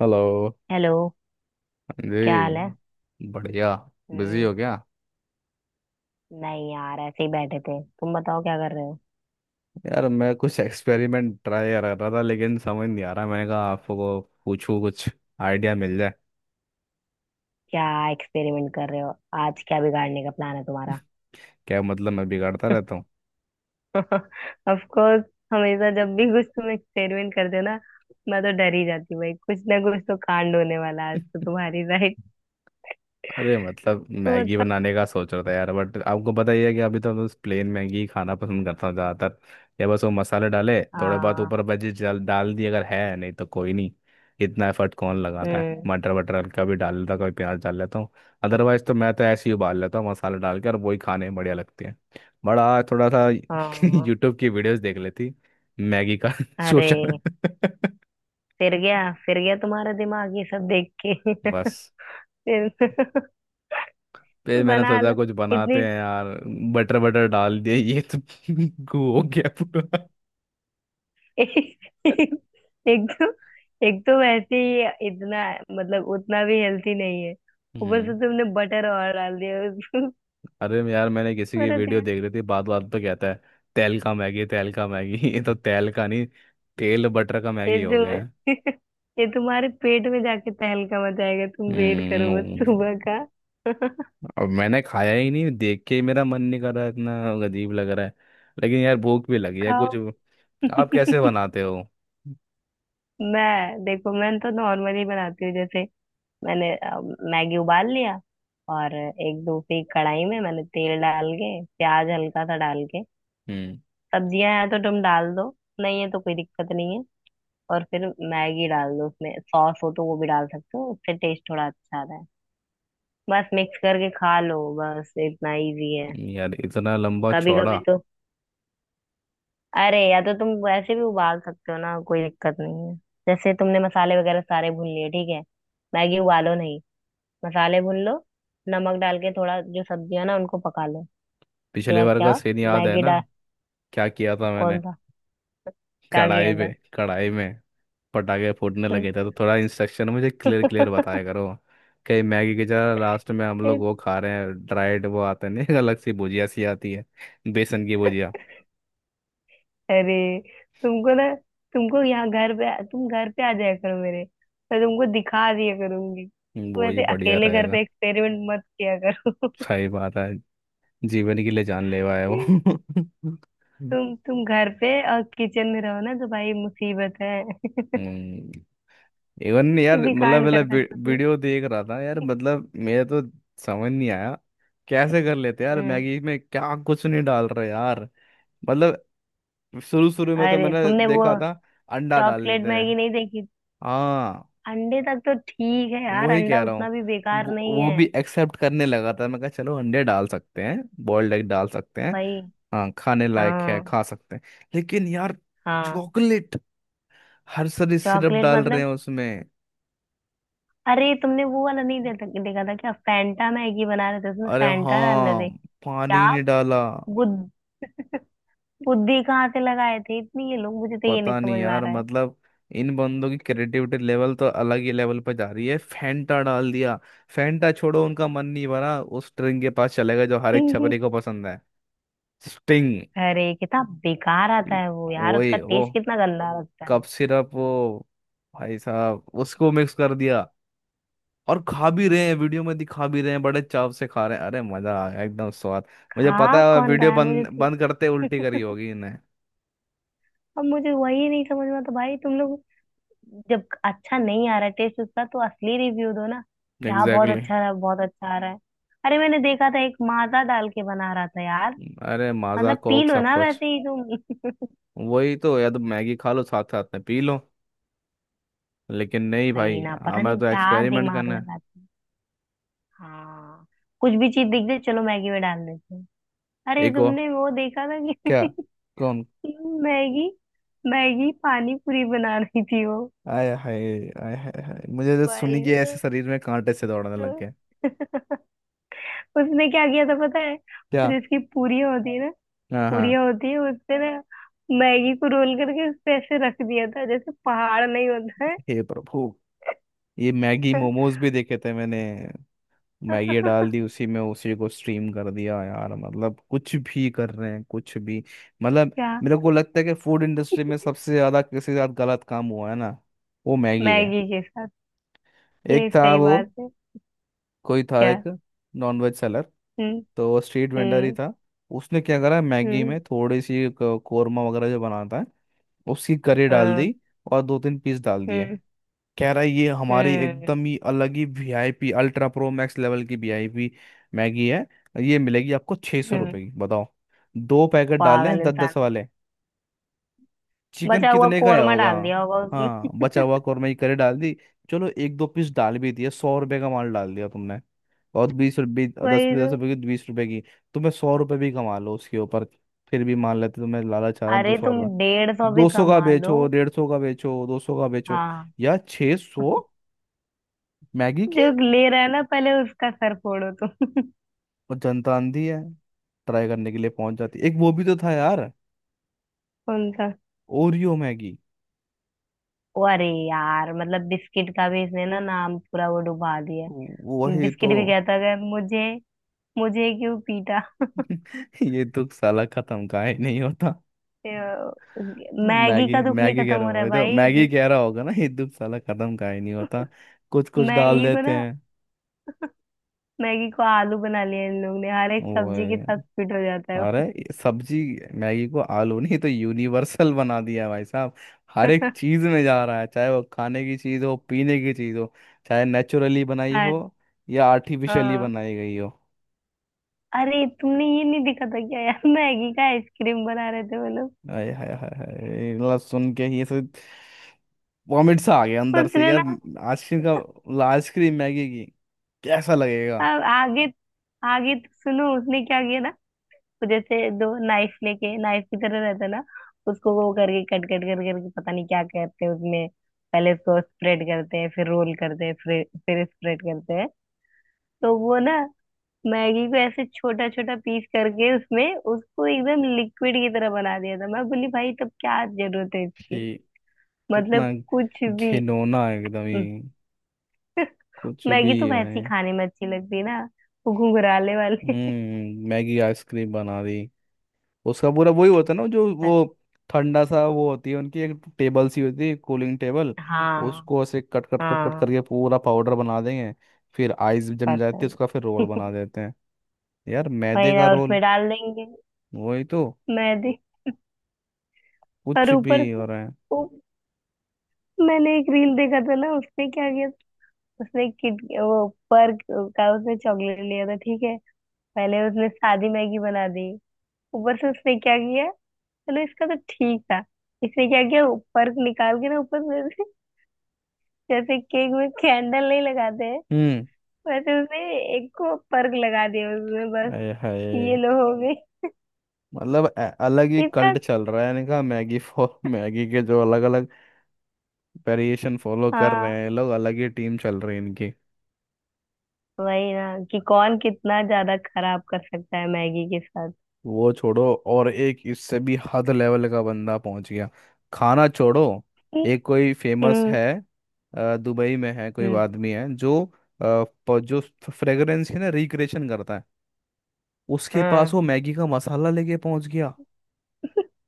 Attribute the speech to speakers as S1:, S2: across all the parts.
S1: Hello.
S2: Hello. क्या हाल है।
S1: जी बढ़िया। बिजी
S2: हम्म।
S1: हो क्या?
S2: नहीं यार ऐसे ही बैठे थे तुम बताओ क्या कर रहे हो।
S1: यार मैं कुछ एक्सपेरिमेंट ट्राई कर रहा था लेकिन समझ नहीं आ रहा। मैंने कहा आपको पूछूं कुछ आइडिया मिल जाए।
S2: क्या एक्सपेरिमेंट कर रहे हो। आज क्या बिगाड़ने का प्लान है तुम्हारा।
S1: क्या मतलब मैं बिगाड़ता रहता हूँ?
S2: Of course. हमेशा जब भी कुछ तुम एक्सपेरिमेंट करते हो ना मैं तो डर ही जाती हूँ भाई कुछ ना कुछ तो कांड होने वाला है आज तो तुम्हारी राइट।
S1: अरे मतलब
S2: तो
S1: मैगी
S2: बताओ।
S1: बनाने का सोच रहा था यार, बट आपको पता ही है कि अभी तो मैं बस प्लेन मैगी ही खाना पसंद करता हूँ ज़्यादातर। या बस वो मसाले डाले थोड़े बहुत
S2: हाँ।
S1: ऊपर, भजी डाल डाल दी, अगर है नहीं तो कोई नहीं। इतना एफर्ट कौन लगाता है?
S2: हम्म।
S1: मटर वटर हल्का भी डाल लेता हूँ, कभी प्याज डाल लेता हूँ। अदरवाइज तो मैं तो ऐसे ही उबाल लेता हूँ मसाला डाल के, और वही खाने में बढ़िया लगती है। बड़ा थोड़ा सा
S2: हाँ।
S1: यूट्यूब की वीडियोस देख लेती मैगी का
S2: अरे
S1: सोचा।
S2: फिर गया तुम्हारा दिमाग ये सब देख के।
S1: बस
S2: फिर
S1: फिर मैंने
S2: बना
S1: सोचा
S2: लो।
S1: कुछ
S2: इतनी
S1: बनाते हैं यार। बटर बटर डाल दिया, ये तो गू हो गया पूरा।
S2: एक एक तो एक तो वैसे ही इतना मतलब उतना भी हेल्थी नहीं है। ऊपर से
S1: हम्म।
S2: तुमने बटर और डाल दिया उसको।
S1: यार मैंने किसी की
S2: बड़ा
S1: वीडियो
S2: दिया।
S1: देख रही थी, बात बात पे कहता है तेल का मैगी, तेल का मैगी। ये तो तेल का नहीं, तेल बटर का
S2: ये
S1: मैगी हो
S2: जो
S1: गया है।
S2: ये तुम्हारे पेट में जाके तहलका मचाएगा तुम वेट करो बस
S1: हम्म।
S2: सुबह का।
S1: अब मैंने खाया ही नहीं, देख के ही मेरा मन नहीं कर रहा है, इतना अजीब लग रहा है। लेकिन यार भूख भी लगी है
S2: खाओ।
S1: कुछ। आप कैसे बनाते हो?
S2: मैं देखो मैं तो नॉर्मली बनाती हूँ जैसे मैंने मैगी उबाल लिया। और एक दूसरी कढ़ाई में मैंने तेल डाल के प्याज हल्का सा डाल के
S1: हम्म।
S2: सब्जियां हैं तो तुम डाल दो। नहीं है तो कोई दिक्कत नहीं है। और फिर मैगी डाल दो उसमें सॉस हो तो वो भी डाल सकते हो उससे टेस्ट थोड़ा अच्छा आता है। बस मिक्स करके खा लो बस इतना इजी है।
S1: यार इतना लंबा
S2: कभी
S1: चौड़ा?
S2: कभी तो अरे या तो तुम वैसे भी उबाल सकते हो ना कोई दिक्कत नहीं है। जैसे तुमने मसाले वगैरह सारे भून लिए ठीक है। मैगी उबालो नहीं। मसाले भून लो। नमक डाल के थोड़ा जो सब्जियां ना उनको पका लो। उसके
S1: पिछले
S2: बाद
S1: बार का
S2: क्या
S1: सीन याद है
S2: मैगी
S1: ना?
S2: डाल
S1: क्या किया था मैंने?
S2: कौन सा क्या किया
S1: कढ़ाई पे,
S2: था।
S1: कढ़ाई में पटाखे फूटने लगे थे, तो थोड़ा इंस्ट्रक्शन मुझे क्लियर क्लियर बताया करो। कहीं मैगी की जगह लास्ट में हम लोग वो खा रहे हैं ड्राइड, वो आते नहीं अलग सी भुजिया सी आती है, बेसन की भुजिया।
S2: अरे तुमको ना तुम घर पे आ जाया करो मेरे। मैं तुमको दिखा दिया करूंगी तुम
S1: वो ही
S2: ऐसे
S1: बढ़िया
S2: अकेले घर
S1: रहेगा।
S2: पे एक्सपेरिमेंट मत किया करो।
S1: सही बात है। जीवन के लिए जानलेवा है वो।
S2: तुम घर पे और किचन में रहो ना तो भाई मुसीबत है।
S1: हम्म। इवन यार
S2: किसी
S1: मतलब
S2: कांड कर
S1: मतलब
S2: सकते हो।
S1: वीडियो देख रहा था यार, मतलब मेरे तो समझ नहीं आया। कैसे कर लेते
S2: तुम
S1: यार
S2: हम्म।
S1: मैगी में क्या कुछ नहीं डाल रहे यार, मतलब। शुरू शुरू में तो
S2: अरे
S1: मैंने
S2: तुमने वो
S1: देखा था अंडा डाल
S2: चॉकलेट
S1: लेते हैं।
S2: मैगी नहीं देखी।
S1: हाँ,
S2: अंडे तक तो ठीक है यार
S1: वही
S2: अंडा
S1: कह रहा
S2: उतना
S1: हूँ।
S2: भी बेकार
S1: वो
S2: नहीं
S1: वो
S2: है।
S1: भी एक्सेप्ट करने लगा था, मैं कहा चलो अंडे डाल सकते हैं, बॉइल्ड एग डाल सकते हैं।
S2: भाई।
S1: हाँ, खाने लायक है,
S2: हाँ।
S1: खा सकते हैं। लेकिन यार
S2: हाँ।
S1: चॉकलेट, हर सारी सिरप
S2: चॉकलेट
S1: डाल रहे
S2: मतलब
S1: हैं उसमें।
S2: अरे तुमने वो वाला नहीं देखा था क्या फैंटा मैगी बना रहे थे उसमें
S1: अरे
S2: फैंटा डाल रहे
S1: हाँ,
S2: थे। क्या।
S1: पानी नहीं डाला।
S2: बुद, बुद्धि कहाँ से लगाए थे इतनी ये लोग मुझे तो ये नहीं
S1: पता नहीं
S2: समझ में आ
S1: यार,
S2: रहा है।
S1: मतलब इन बंदों की क्रिएटिविटी लेवल तो अलग ही लेवल पर जा रही है, फैंटा डाल दिया। फैंटा छोड़ो, उनका मन नहीं भरा उस स्ट्रिंग के पास चले गए, जो हर एक छपरी को पसंद है। स्टिंग,
S2: अरे कितना बेकार आता है वो यार उसका
S1: वही वो
S2: टेस्ट कितना गंदा लगता
S1: कप
S2: है।
S1: सिरप वो, भाई साहब उसको मिक्स कर दिया। और खा भी रहे हैं, वीडियो में दिखा भी रहे हैं बड़े चाव से खा रहे हैं, अरे मजा आ गया एकदम स्वाद। मुझे
S2: खा
S1: पता है
S2: कौन
S1: वीडियो
S2: रहा है मुझे
S1: बंद बंद करते उल्टी करी
S2: तो।
S1: होगी इन्हें।
S2: अब मुझे वही नहीं समझ में आता भाई तुम लोग जब अच्छा नहीं आ रहा है टेस्ट उसका तो असली रिव्यू दो ना। क्या बहुत
S1: एग्जैक्टली exactly।
S2: अच्छा रहा बहुत अच्छा आ रहा है। अरे मैंने देखा था एक माजा डाल के बना रहा था यार।
S1: अरे माजा
S2: मतलब पी
S1: कोक
S2: लो
S1: सब
S2: ना
S1: कुछ।
S2: वैसे ही तुम।
S1: वही तो, या तो मैगी खा लो, साथ साथ में पी लो। लेकिन नहीं
S2: सही
S1: भाई,
S2: ना पता
S1: हमें
S2: नहीं
S1: तो
S2: क्या
S1: एक्सपेरिमेंट
S2: दिमाग
S1: करना है।
S2: लगाते। हाँ। कुछ भी चीज दिख जाए चलो मैगी में डाल देते हैं। अरे
S1: एक और?
S2: तुमने वो देखा था
S1: क्या?
S2: कि
S1: कौन?
S2: मैगी मैगी पानी पूरी बना रही थी वो।
S1: आय हाय हाय, मुझे तो सुनी
S2: भाई
S1: कि ऐसे शरीर में कांटे से दौड़ने लग गए।
S2: साहब। उसने क्या किया था पता है वो
S1: क्या?
S2: जिसकी पूरियां होती है ना
S1: हाँ हाँ।
S2: पूरियां होती है उसपे ना मैगी को रोल करके उस पे ऐसे रख दिया था जैसे पहाड़ नहीं होता है।
S1: हे प्रभु, ये मैगी मोमोज भी देखे थे मैंने। मैगी डाल दी उसी में, उसी को स्ट्रीम कर दिया, यार मतलब कुछ भी कर रहे हैं कुछ भी। मतलब
S2: क्या
S1: मेरे को लगता है कि फूड इंडस्ट्री में सबसे ज्यादा किसी के साथ गलत काम हुआ है ना, वो मैगी है।
S2: मैगी के साथ
S1: एक
S2: ये
S1: था
S2: सही
S1: वो,
S2: बात है।
S1: कोई था
S2: क्या।
S1: एक नॉनवेज सेलर,
S2: हम्म।
S1: तो वो स्ट्रीट वेंडर ही
S2: हम्म।
S1: था। उसने क्या करा, मैगी
S2: हम्म।
S1: में थोड़ी सी कोरमा वगैरह जो बनाता है, उसकी करी डाल
S2: हम्म।
S1: दी। और 2-3 पीस डाल दिए।
S2: हम्म।
S1: कह रहा है ये हमारी
S2: हम्म।
S1: एकदम ही अलग ही VIP ultra pro max level की वीआईपी मैगी है, ये मिलेगी आपको छः सौ
S2: हम्म, हम्म।
S1: रुपये की, बताओ। 2 पैकेट डाले
S2: पागल
S1: हैं दस
S2: इंसान
S1: दस
S2: है।
S1: वाले। चिकन
S2: बचा हुआ
S1: कितने का आया
S2: कोरमा
S1: होगा?
S2: डाल दिया होगा उसने।
S1: हाँ बचा हुआ कौरमा की करी डाल दी, चलो एक दो पीस डाल भी दिए, 100 रुपये का माल डाल दिया तुमने। और 20 रुपये, दस
S2: वही तो।
S1: दस रुपए की, 20 रुपए की। तुम्हें 100 रुपए भी कमा लो उसके ऊपर, फिर भी मान लेते तुम्हें लालच आ रहा दो
S2: अरे
S1: सौ
S2: तुम
S1: रुपये
S2: 150 भी
S1: 200 का
S2: कमा लो।
S1: बेचो, 150 का बेचो, 200 का बेचो,
S2: हाँ।
S1: या 600 मैगी के।
S2: जो ले रहा है ना पहले उसका सर फोड़ो तुम।
S1: और जनता आंधी है, ट्राई करने के लिए पहुंच जाती। एक वो भी तो था यार,
S2: उनका
S1: ओरियो मैगी।
S2: ओ अरे यार मतलब बिस्किट का भी इसने ना नाम पूरा वो डुबा दिया।
S1: वही
S2: बिस्किट
S1: तो।
S2: भी कहता है मुझे मुझे क्यों पीटा।
S1: ये दुख साला खत्म का ही नहीं होता।
S2: अ,
S1: तो
S2: मैगी
S1: मैगी
S2: का दुख नहीं
S1: मैगी कह
S2: खत्म
S1: रहा
S2: हो रहा
S1: हो,
S2: है
S1: ये तो
S2: भाई
S1: मैगी
S2: जी।
S1: कह रहा होगा ना ये दुख साला खत्म का ही नहीं होता। कुछ कुछ डाल
S2: मैगी को
S1: देते
S2: ना
S1: हैं।
S2: मैगी को आलू बना लिया इन लोग ने हर एक
S1: ओए,
S2: सब्जी के साथ फिट हो जाता है।
S1: अरे ये सब्जी, मैगी को आलू नहीं तो यूनिवर्सल बना दिया है भाई साहब। हर एक चीज में जा रहा है, चाहे वो खाने की चीज हो, पीने की चीज हो, चाहे नेचुरली बनाई
S2: हाँ
S1: हो
S2: जी।
S1: या आर्टिफिशियली
S2: हाँ।
S1: बनाई गई हो।
S2: अरे तुमने ये नहीं देखा था क्या यार मैगी का आइसक्रीम बना रहे थे वो लोग।
S1: हाय हाय हाय हाय, मतलब सुन के ही ऐसे वॉमिट सा आ गया अंदर से
S2: उसने
S1: यार।
S2: ना
S1: आइसक्रीम का मतलब, आइसक्रीम मैगी की, कैसा
S2: आ-
S1: लगेगा?
S2: आगे आगे तो सुनो उसने क्या किया ना। वो जैसे दो नाइफ लेके नाइफ की तरह रहता है ना। उसको वो करके कट कट कर करके पता नहीं क्या करते हैं उसमें। पहले उसको स्प्रेड करते हैं फिर रोल करते हैं फिर स्प्रेड करते हैं। तो वो ना मैगी को ऐसे छोटा छोटा पीस करके उसमें उसको एकदम लिक्विड की तरह बना दिया था मैं बोली भाई तब क्या जरूरत है इसकी।
S1: ठीक।
S2: मतलब
S1: कितना
S2: कुछ भी
S1: घिनौना है एकदम ही,
S2: हम्म,
S1: कुछ भी
S2: मैगी तो वैसे ही
S1: है।
S2: खाने में अच्छी लगती है ना। वो घुंघराले वाले
S1: हम्म। मैगी आइसक्रीम बना दी, उसका पूरा वही होता है ना जो वो ठंडा सा वो होती है, उनकी एक टेबल सी होती है, कूलिंग टेबल,
S2: हाँ
S1: उसको ऐसे कट कट कट कट
S2: हाँ।
S1: करके पूरा पाउडर बना देंगे, फिर आइस जम
S2: पता
S1: जाती है उसका फिर रोल
S2: नहीं
S1: बना देते हैं, यार
S2: वही
S1: मैदे का
S2: ना और
S1: रोल।
S2: उसमें डाल देंगे
S1: वही तो
S2: मैदे और
S1: कुछ भी
S2: ऊपर से
S1: हो रहा है।
S2: वो मैंने एक रील देखा था ना उसने क्या किया। उसने किट वो पर्क का उसने चॉकलेट लिया था ठीक है। पहले उसने सादी मैगी बना दी। ऊपर से उसने क्या किया। चलो इसका तो ठीक था। इसने क्या किया। पर्क निकाल के ना ऊपर से जैसे केक में कैंडल नहीं लगाते हैं।
S1: हम्म।
S2: बस उसने एक को पर्क लगा दिया उसमें बस
S1: आए
S2: कि ये
S1: हाय,
S2: लो हो गई।
S1: मतलब अलग ही
S2: इसका
S1: कल्ट चल रहा है इनका मैगी फॉर मैगी के जो अलग अलग वेरिएशन फॉलो कर रहे
S2: हाँ
S1: हैं ये लोग, अलग ही टीम चल रही है इनकी।
S2: वही ना कि कौन कितना ज्यादा खराब कर सकता है मैगी के साथ।
S1: वो छोड़ो, और एक इससे भी हद लेवल का बंदा पहुंच गया। खाना छोड़ो, एक कोई फेमस
S2: हम्म।
S1: है, दुबई में है कोई
S2: हम्म।
S1: आदमी है जो जो फ्रेगरेंस है ना रिक्रिएशन करता है। उसके पास
S2: हाँ।
S1: वो मैगी का मसाला लेके पहुंच गया,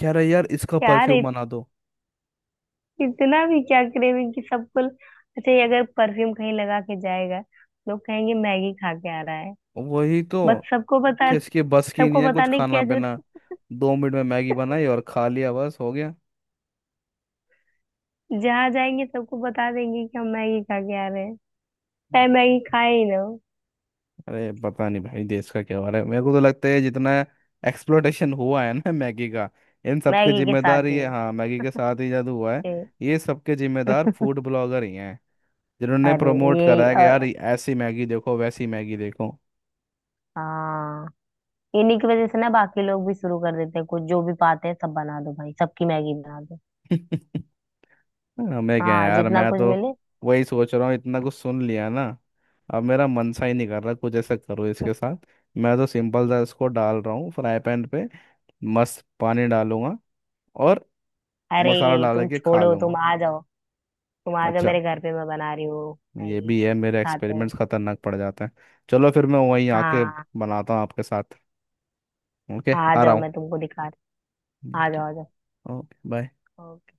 S1: कह रहा है यार इसका
S2: यार
S1: परफ्यूम बना दो।
S2: इतना भी क्या क्रेविंग कि सबको अच्छा ये अगर परफ्यूम कहीं लगा के जाएगा लोग कहेंगे मैगी खा के आ रहा है।
S1: वही तो,
S2: बट सबको बता
S1: कि इसके बस की नहीं
S2: सबको
S1: है कुछ
S2: बताने की
S1: खाना
S2: क्या
S1: पीना,
S2: जरूरत।
S1: 2 मिनट में मैगी बनाई और खा लिया बस हो गया।
S2: जहाँ जाएंगे सबको बता देंगे कि हम मैगी खा के आ रहे हैं। चाहे मैगी खाए ही ना हो।
S1: अरे पता नहीं भाई देश का क्या हो रहा है, मेरे को तो लगता है जितना एक्सप्लोटेशन हुआ है ना मैगी का, इन सब के
S2: मैगी के साथ
S1: जिम्मेदार
S2: ही
S1: ये,
S2: हो।
S1: हाँ मैगी के साथ ही जादू हुआ है।
S2: ए,
S1: ये सबके जिम्मेदार फूड ब्लॉगर ही हैं, जिन्होंने
S2: अरे
S1: प्रमोट
S2: ये
S1: करा है कि यार
S2: और
S1: ऐसी मैगी देखो वैसी मैगी देखो।
S2: हाँ इन्हीं की वजह से ना बाकी लोग भी शुरू कर देते हैं कुछ जो भी पाते हैं सब बना दो भाई सबकी मैगी बना दो।
S1: हमें क्या है
S2: हाँ
S1: यार,
S2: जितना
S1: मैं
S2: कुछ
S1: तो
S2: मिले।
S1: वही सोच रहा हूँ इतना कुछ सुन लिया ना, अब मेरा मन सा ही नहीं कर रहा कुछ ऐसा करो इसके साथ। मैं तो सिंपल सा इसको डाल रहा हूँ फ्राई पैन पे, मस्त पानी डालूंगा, और
S2: अरे
S1: मसाला डाल
S2: तुम
S1: के खा
S2: छोड़ो
S1: लूंगा।
S2: तुम आ जाओ
S1: अच्छा,
S2: मेरे घर पे मैं बना रही हूँ।
S1: ये
S2: मैगी
S1: भी है मेरे
S2: खाते
S1: एक्सपेरिमेंट्स
S2: हैं।
S1: खतरनाक पड़ जाते हैं। चलो फिर मैं वहीं आके
S2: हाँ
S1: बनाता हूँ आपके साथ, ओके
S2: आ
S1: आ रहा
S2: जाओ
S1: हूँ।
S2: मैं तुमको दिखा रही हूँ, आ
S1: ठीक है,
S2: जाओ आ जाओ।
S1: Okay bye.
S2: ओके।